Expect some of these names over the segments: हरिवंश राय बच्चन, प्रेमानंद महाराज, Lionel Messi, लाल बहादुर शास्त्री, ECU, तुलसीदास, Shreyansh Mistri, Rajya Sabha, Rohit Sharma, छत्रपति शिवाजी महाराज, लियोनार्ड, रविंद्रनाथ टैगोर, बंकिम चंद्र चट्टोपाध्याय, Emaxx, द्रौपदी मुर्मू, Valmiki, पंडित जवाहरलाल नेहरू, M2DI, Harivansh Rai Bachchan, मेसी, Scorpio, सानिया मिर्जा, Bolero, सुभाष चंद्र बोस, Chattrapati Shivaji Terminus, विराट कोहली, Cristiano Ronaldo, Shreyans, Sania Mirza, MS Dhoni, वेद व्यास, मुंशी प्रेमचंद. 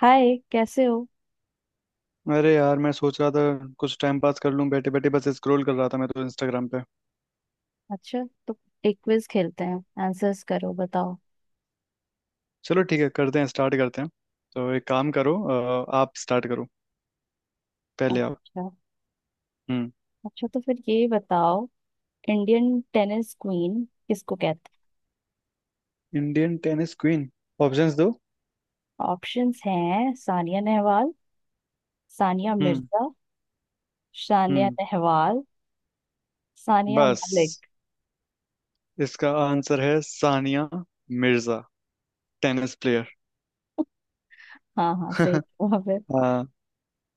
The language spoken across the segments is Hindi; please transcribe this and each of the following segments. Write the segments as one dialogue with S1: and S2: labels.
S1: हाय कैसे हो।
S2: अरे यार, मैं सोच रहा था कुछ टाइम पास कर लूं। बैठे बैठे बस स्क्रॉल कर रहा था मैं तो इंस्टाग्राम पे।
S1: अच्छा तो एक क्विज खेलते हैं, आंसर्स करो, बताओ।
S2: चलो ठीक है, करते हैं, स्टार्ट करते हैं। तो एक काम करो, आप स्टार्ट करो, पहले आप।
S1: अच्छा।
S2: हम्म।
S1: अच्छा तो फिर ये बताओ, इंडियन टेनिस क्वीन किसको कहते
S2: इंडियन टेनिस क्वीन। ऑप्शंस दो।
S1: हैं। ऑप्शंस हैं, सानिया नेहवाल, सानिया
S2: हम्म।
S1: मिर्जा, सानिया
S2: हम्म।
S1: नेहवाल, सानिया
S2: बस।
S1: मलिक।
S2: इसका आंसर है सानिया मिर्जा, टेनिस प्लेयर।
S1: हाँ हाँ, सही जवाब है।
S2: हाँ,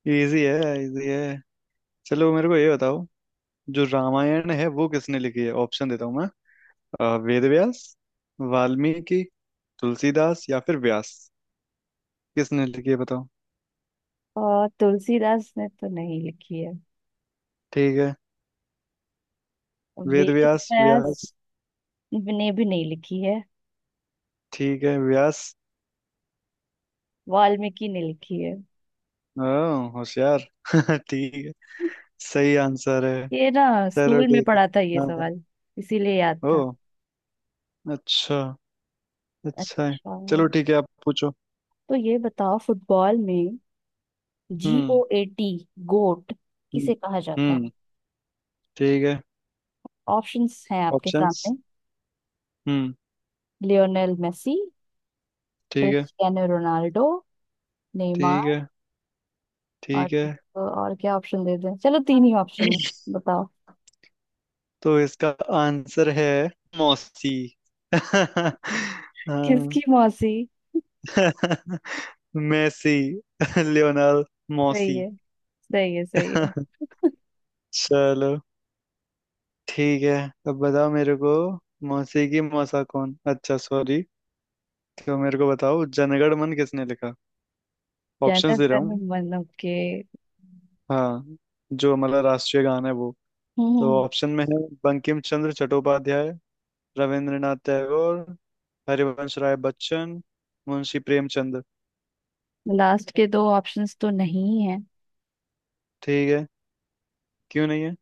S2: इजी है इजी है। चलो मेरे को ये बताओ, जो रामायण है वो किसने लिखी है। ऑप्शन देता हूँ मैं। वेद व्यास, वाल्मीकि, तुलसीदास या फिर व्यास। किसने लिखी है बताओ।
S1: और तुलसीदास ने तो नहीं लिखी है।
S2: ठीक है, वेद
S1: वेद
S2: व्यास
S1: व्यास
S2: व्यास।
S1: ने भी नहीं लिखी है।
S2: ठीक है, व्यास।
S1: वाल्मीकि ने लिखी है।
S2: ओ, होशियार ठीक है, सही आंसर है।
S1: ये ना,
S2: चलो
S1: स्कूल में
S2: ठीक है।
S1: पढ़ा था ये
S2: हाँ।
S1: सवाल। इसीलिए याद
S2: ओ,
S1: था।
S2: अच्छा। अच्छा है।
S1: अच्छा
S2: चलो ठीक है, आप पूछो।
S1: तो ये बताओ, फुटबॉल में G
S2: hmm.
S1: O A T GOAT,
S2: hmm.
S1: किसे कहा जाता है।
S2: हम्म। ठीक है।
S1: ऑप्शंस हैं आपके
S2: ऑप्शंस।
S1: सामने।
S2: हम्म।
S1: लियोनेल मेसी,
S2: ठीक है।
S1: क्रिस्टियानो रोनाल्डो,
S2: ठीक
S1: नेमार।
S2: है।
S1: और
S2: ठीक है।
S1: क्या ऑप्शन दे दें, चलो तीन ही ऑप्शन है। बताओ।
S2: तो इसका आंसर है मौसी हाँ
S1: किसकी मौसी?
S2: मैसी, लियोनार्ड
S1: सही
S2: मौसी
S1: है, सही है, सही है।
S2: चलो ठीक है। अब बताओ मेरे को मौसी की मौसा कौन। अच्छा, सॉरी। तो मेरे को बताओ, जनगण मन किसने लिखा। ऑप्शंस दे रहा
S1: जनगण
S2: हूँ।
S1: मन के।
S2: हाँ, जो हमारा राष्ट्रीय गान है वो। तो
S1: हम्म।
S2: ऑप्शन में है बंकिम चंद्र चट्टोपाध्याय, रविंद्रनाथ टैगोर, हरिवंश राय बच्चन, मुंशी प्रेमचंद।
S1: लास्ट के दो ऑप्शंस तो नहीं है।
S2: ठीक है, क्यों नहीं है।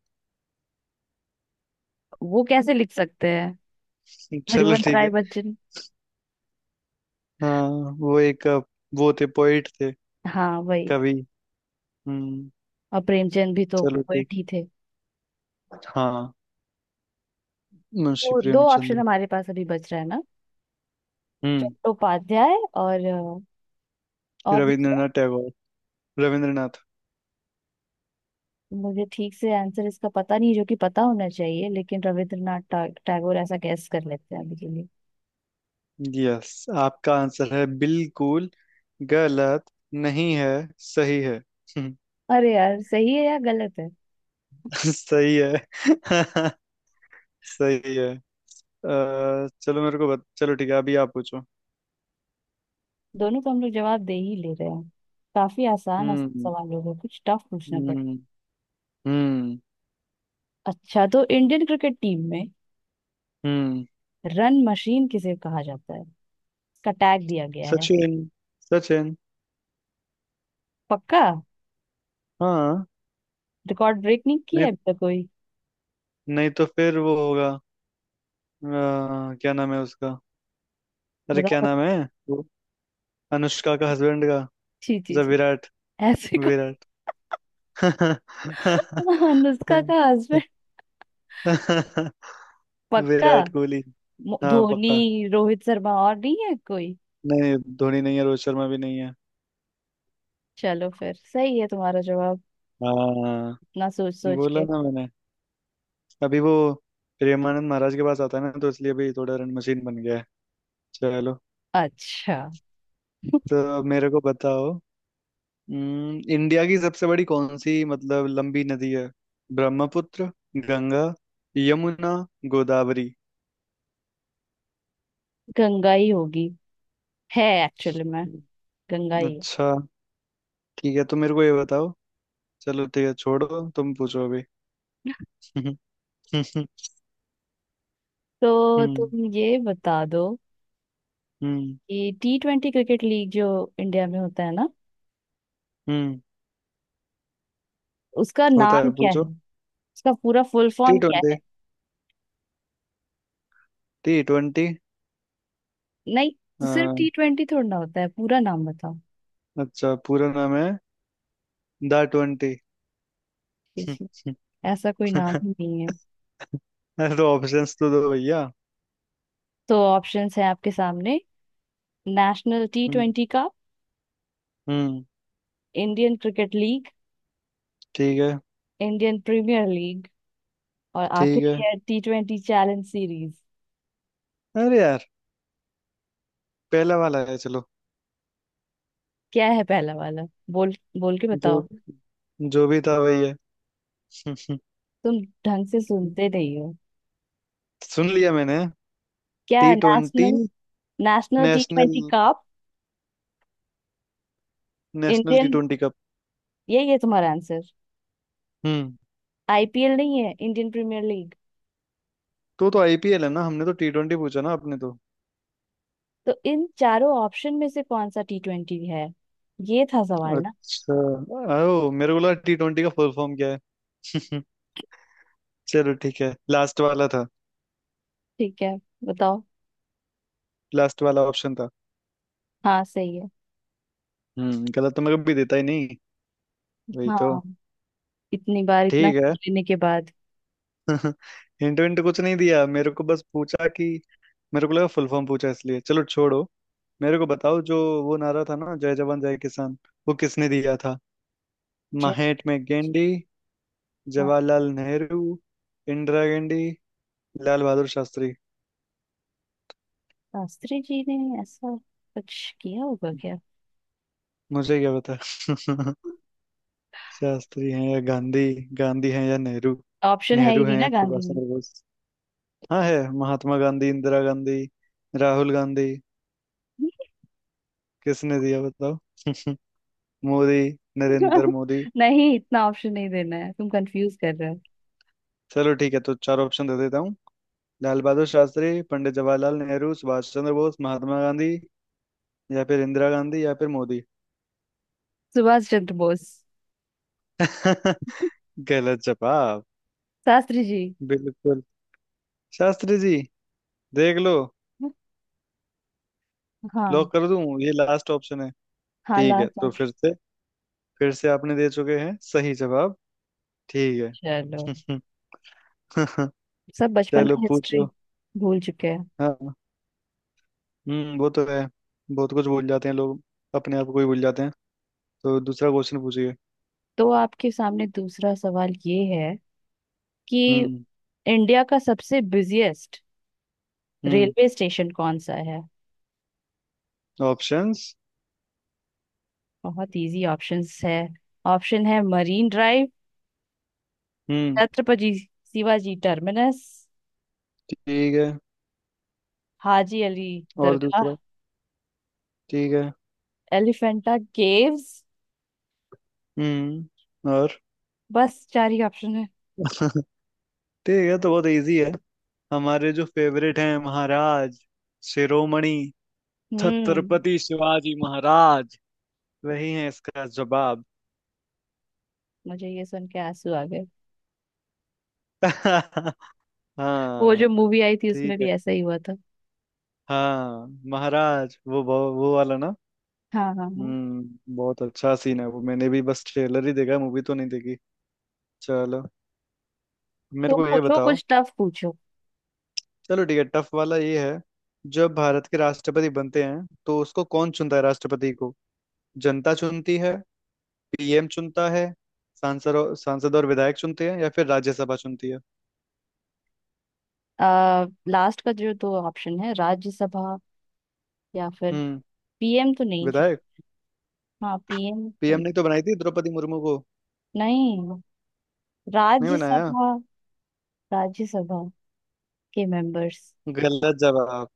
S1: वो कैसे लिख सकते हैं।
S2: चलो
S1: हरिवंश
S2: ठीक
S1: राय
S2: है।
S1: बच्चन।
S2: हाँ, वो एक वो थे, पोइट थे,
S1: हाँ वही।
S2: कवि। हम्म।
S1: और प्रेमचंद भी तो
S2: चलो, ठीक।
S1: पोएट ही थे।
S2: हाँ। मुंशी
S1: तो दो ऑप्शन
S2: प्रेमचंद्र।
S1: हमारे पास अभी बच रहा है ना।
S2: हम्म।
S1: चट्टोपाध्याय और और दूसरा।
S2: रविंद्रनाथ टैगोर, रविंद्रनाथ।
S1: मुझे ठीक से आंसर इसका पता नहीं, जो कि पता होना चाहिए, लेकिन रविंद्रनाथ टैगोर ऐसा गैस कर लेते हैं अभी के लिए।
S2: यस, आपका आंसर है बिल्कुल गलत नहीं है, सही है। हम्म,
S1: अरे यार, सही है या गलत है?
S2: सही है सही है। चलो, चलो ठीक है, अभी आप पूछो।
S1: दोनों को हम लोग जवाब दे ही ले रहे हैं। काफी आसान आसान
S2: हम्म।
S1: सवाल होगा, कुछ टफ पूछना पड़े।
S2: हम्म। हम्म।
S1: अच्छा तो इंडियन क्रिकेट टीम में
S2: हम्म।
S1: रन मशीन किसे कहा जाता है। इसका टैग दिया गया है।
S2: सचिन, सचिन।
S1: पक्का?
S2: हाँ।
S1: रिकॉर्ड ब्रेक नहीं किया
S2: नहीं,
S1: है अब तक कोई।
S2: नहीं तो फिर वो होगा क्या नाम है उसका, अरे क्या
S1: बताओ।
S2: नाम है। वो अनुष्का का हस्बैंड का।
S1: जी जी
S2: अच्छा,
S1: जी।
S2: विराट।
S1: ऐसे?
S2: विराट
S1: कौन अनुष्का का हस्बैंड? पक्का?
S2: विराट कोहली। हाँ, पक्का।
S1: धोनी, रोहित शर्मा, और नहीं है कोई?
S2: नहीं, धोनी नहीं है, रोहित शर्मा भी नहीं है।
S1: चलो फिर सही है तुम्हारा जवाब।
S2: हाँ।
S1: इतना सोच सोच
S2: बोला
S1: के।
S2: ना मैंने। अभी वो प्रेमानंद महाराज के पास आता है ना, तो इसलिए अभी थोड़ा रन मशीन बन गया है। चलो।
S1: अच्छा
S2: तो मेरे को बताओ, इंडिया की सबसे बड़ी, कौन सी, मतलब, लंबी नदी है। ब्रह्मपुत्र, गंगा, यमुना, गोदावरी।
S1: गंगा ही होगी। है एक्चुअली मैं गंगा ही हूँ।
S2: अच्छा, ठीक है, तो मेरे को ये बताओ। चलो ठीक है, छोड़ो, तुम पूछो अभी हम्म।
S1: तो तुम ये बता दो
S2: हम्म।
S1: कि T20 क्रिकेट लीग जो इंडिया में होता है ना
S2: हम्म,
S1: उसका
S2: होता
S1: नाम
S2: है,
S1: क्या है।
S2: पूछो।
S1: उसका पूरा फुल
S2: टी
S1: फॉर्म क्या
S2: ट्वेंटी,
S1: है।
S2: T twenty.
S1: नहीं। तो सिर्फ T20 थोड़ा ना होता है, पूरा नाम बताओ।
S2: अच्छा, पूरा नाम है द ट्वेंटी
S1: जी जी। ऐसा कोई नाम ही नहीं है।
S2: अरे तो ऑप्शंस तो दो भैया।
S1: तो ऑप्शंस हैं आपके सामने। नेशनल टी
S2: हम्म।
S1: ट्वेंटी कप,
S2: हम्म,
S1: इंडियन क्रिकेट लीग,
S2: ठीक है।
S1: इंडियन प्रीमियर लीग, और
S2: ठीक है।
S1: आखिरी है T20 चैलेंज सीरीज।
S2: अरे यार, पहला वाला है, चलो।
S1: क्या है पहला वाला? बोल बोल के
S2: जो
S1: बताओ।
S2: जो भी था वही है
S1: तुम ढंग से सुनते नहीं हो।
S2: सुन लिया मैंने।
S1: क्या
S2: टी
S1: है?
S2: Twenty.
S1: National. National T
S2: national
S1: twenty cup.
S2: National T
S1: Indian.
S2: Twenty cup.
S1: यही है तुम्हारा आंसर।
S2: हम्म।
S1: आईपीएल नहीं है, इंडियन प्रीमियर लीग।
S2: तो आईपीएल है ना, हमने तो टी ट्वेंटी पूछा ना आपने तो।
S1: तो इन चारों ऑप्शन में से कौन सा T20 है। ये था सवाल ना।
S2: अच्छा, ओ, मेरे को लगा टी ट्वेंटी का फुल फॉर्म क्या है चलो ठीक है, लास्ट वाला था।
S1: ठीक है। बताओ।
S2: लास्ट वाला ऑप्शन था।
S1: हाँ सही है।
S2: हम्म, गलत तो मैं कभी देता ही नहीं, वही तो।
S1: हाँ। इतनी बार इतना
S2: ठीक है
S1: हिंट लेने के बाद।
S2: हिंट विंट कुछ नहीं दिया मेरे को, बस पूछा कि मेरे को लगा फुल फॉर्म पूछा, इसलिए चलो छोड़ो। मेरे को बताओ, जो वो नारा था ना, जय जवान जय किसान, वो किसने दिया था।
S1: जय।
S2: महात्मा में गांधी,
S1: हाँ,
S2: जवाहरलाल नेहरू, इंदिरा गांधी, लाल बहादुर शास्त्री।
S1: शास्त्री जी ने ऐसा कुछ किया होगा क्या।
S2: मुझे क्या पता शास्त्री हैं या गांधी, गांधी हैं या नेहरू,
S1: ऑप्शन है ही
S2: नेहरू
S1: नहीं
S2: हैं
S1: ना
S2: या
S1: गांधी
S2: सुभाष
S1: में।
S2: चंद्र बोस। हाँ, है महात्मा गांधी, इंदिरा गांधी, राहुल गांधी। किसने दिया बताओ मोदी, नरेंद्र मोदी।
S1: नहीं, इतना ऑप्शन नहीं देना है, तुम कंफ्यूज कर रहे हो।
S2: चलो ठीक है, तो चार ऑप्शन दे देता हूँ। लाल बहादुर शास्त्री, पंडित जवाहरलाल नेहरू, सुभाष चंद्र बोस, महात्मा गांधी या फिर इंदिरा गांधी या फिर मोदी।
S1: सुभाष चंद्र बोस।
S2: गलत जवाब।
S1: शास्त्री जी।
S2: बिल्कुल शास्त्री जी। देख लो, लॉक
S1: हाँ।
S2: कर दूं, ये लास्ट ऑप्शन है।
S1: हाँ
S2: ठीक है,
S1: लास्ट
S2: तो
S1: ऑप्शन।
S2: फिर से, फिर से आपने दे चुके हैं सही जवाब। ठीक
S1: चलो।
S2: है
S1: सब बचपन
S2: चलो
S1: का हिस्ट्री
S2: पूछो।
S1: भूल चुके हैं।
S2: हाँ। हम्म, वो तो है, बहुत कुछ भूल जाते हैं लोग, अपने आप को ही भूल जाते हैं। तो दूसरा क्वेश्चन पूछिए।
S1: तो आपके सामने दूसरा सवाल ये है कि
S2: हम्म।
S1: इंडिया का सबसे बिजिएस्ट
S2: हम्म।
S1: रेलवे स्टेशन कौन सा है।
S2: ऑप्शंस।
S1: बहुत इजी ऑप्शंस है। ऑप्शन है मरीन ड्राइव,
S2: हम्म।
S1: छत्रपति शिवाजी टर्मिनस,
S2: ठीक है।
S1: हाजी अली
S2: और दूसरा।
S1: दरगाह,
S2: ठीक है।
S1: एलिफेंटा केव्स।
S2: हम्म, और?
S1: बस चार ही ऑप्शन है।
S2: ठीक है, तो बहुत इजी है। हमारे जो फेवरेट हैं, महाराज शिरोमणि
S1: हम्म।
S2: छत्रपति शिवाजी महाराज, वही है इसका जवाब।
S1: मुझे ये सुन के आंसू आ गए। वो
S2: हाँ।
S1: जो मूवी आई थी
S2: ठीक
S1: उसमें
S2: है।
S1: भी ऐसा ही हुआ था।
S2: हाँ, महाराज, वो वाला ना।
S1: हाँ हाँ हाँ।
S2: हम्म, बहुत अच्छा सीन है वो, मैंने भी बस ट्रेलर ही देखा है, मूवी तो नहीं देखी। चलो, मेरे
S1: तुम
S2: को ये
S1: पूछो,
S2: बताओ।
S1: कुछ टफ पूछो।
S2: चलो ठीक है, टफ वाला ये है। जब भारत के राष्ट्रपति बनते हैं, तो उसको कौन चुनता है, राष्ट्रपति को? जनता चुनती है, पीएम चुनता है, सांसद और विधायक चुनते हैं, या फिर राज्यसभा चुनती है।
S1: लास्ट का जो दो ऑप्शन है, राज्यसभा या फिर
S2: हम्म।
S1: पीएम तो नहीं चल।
S2: विधायक।
S1: हाँ पीएम
S2: पीएम
S1: तो
S2: ने तो बनाई थी द्रौपदी मुर्मू को।
S1: नहीं।
S2: नहीं बनाया।
S1: राज्यसभा। राज्यसभा के मेंबर्स।
S2: गलत जवाब।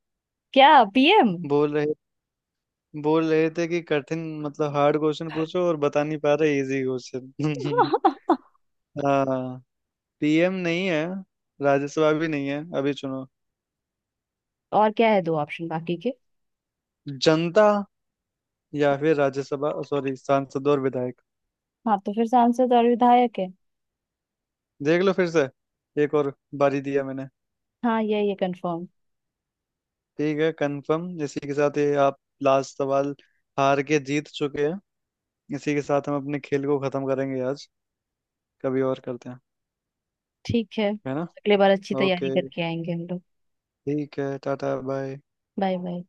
S1: क्या? पीएम।
S2: बोल रहे बोल रहे थे कि कठिन, मतलब हार्ड क्वेश्चन पूछो, और बता नहीं पा रहे इजी क्वेश्चन हाँ, पीएम नहीं है, राज्यसभा भी नहीं है, अभी चुनो।
S1: और क्या है दो ऑप्शन बाकी के।
S2: जनता या फिर राज्यसभा, सॉरी, सांसद और विधायक।
S1: हाँ तो फिर सांसद और विधायक है।
S2: देख लो फिर से, एक और बारी दिया मैंने।
S1: हाँ ये कंफर्म।
S2: ठीक है, कंफर्म इसी के साथ ये आप। लास्ट सवाल, हार के जीत चुके हैं। इसी के साथ हम अपने खेल को खत्म करेंगे आज। कभी और करते हैं,
S1: ठीक है,
S2: है ना?
S1: अगले बार अच्छी
S2: ओके,
S1: तैयारी करके आएंगे हम लोग।
S2: ठीक है, टाटा, बाय।
S1: Bye bye.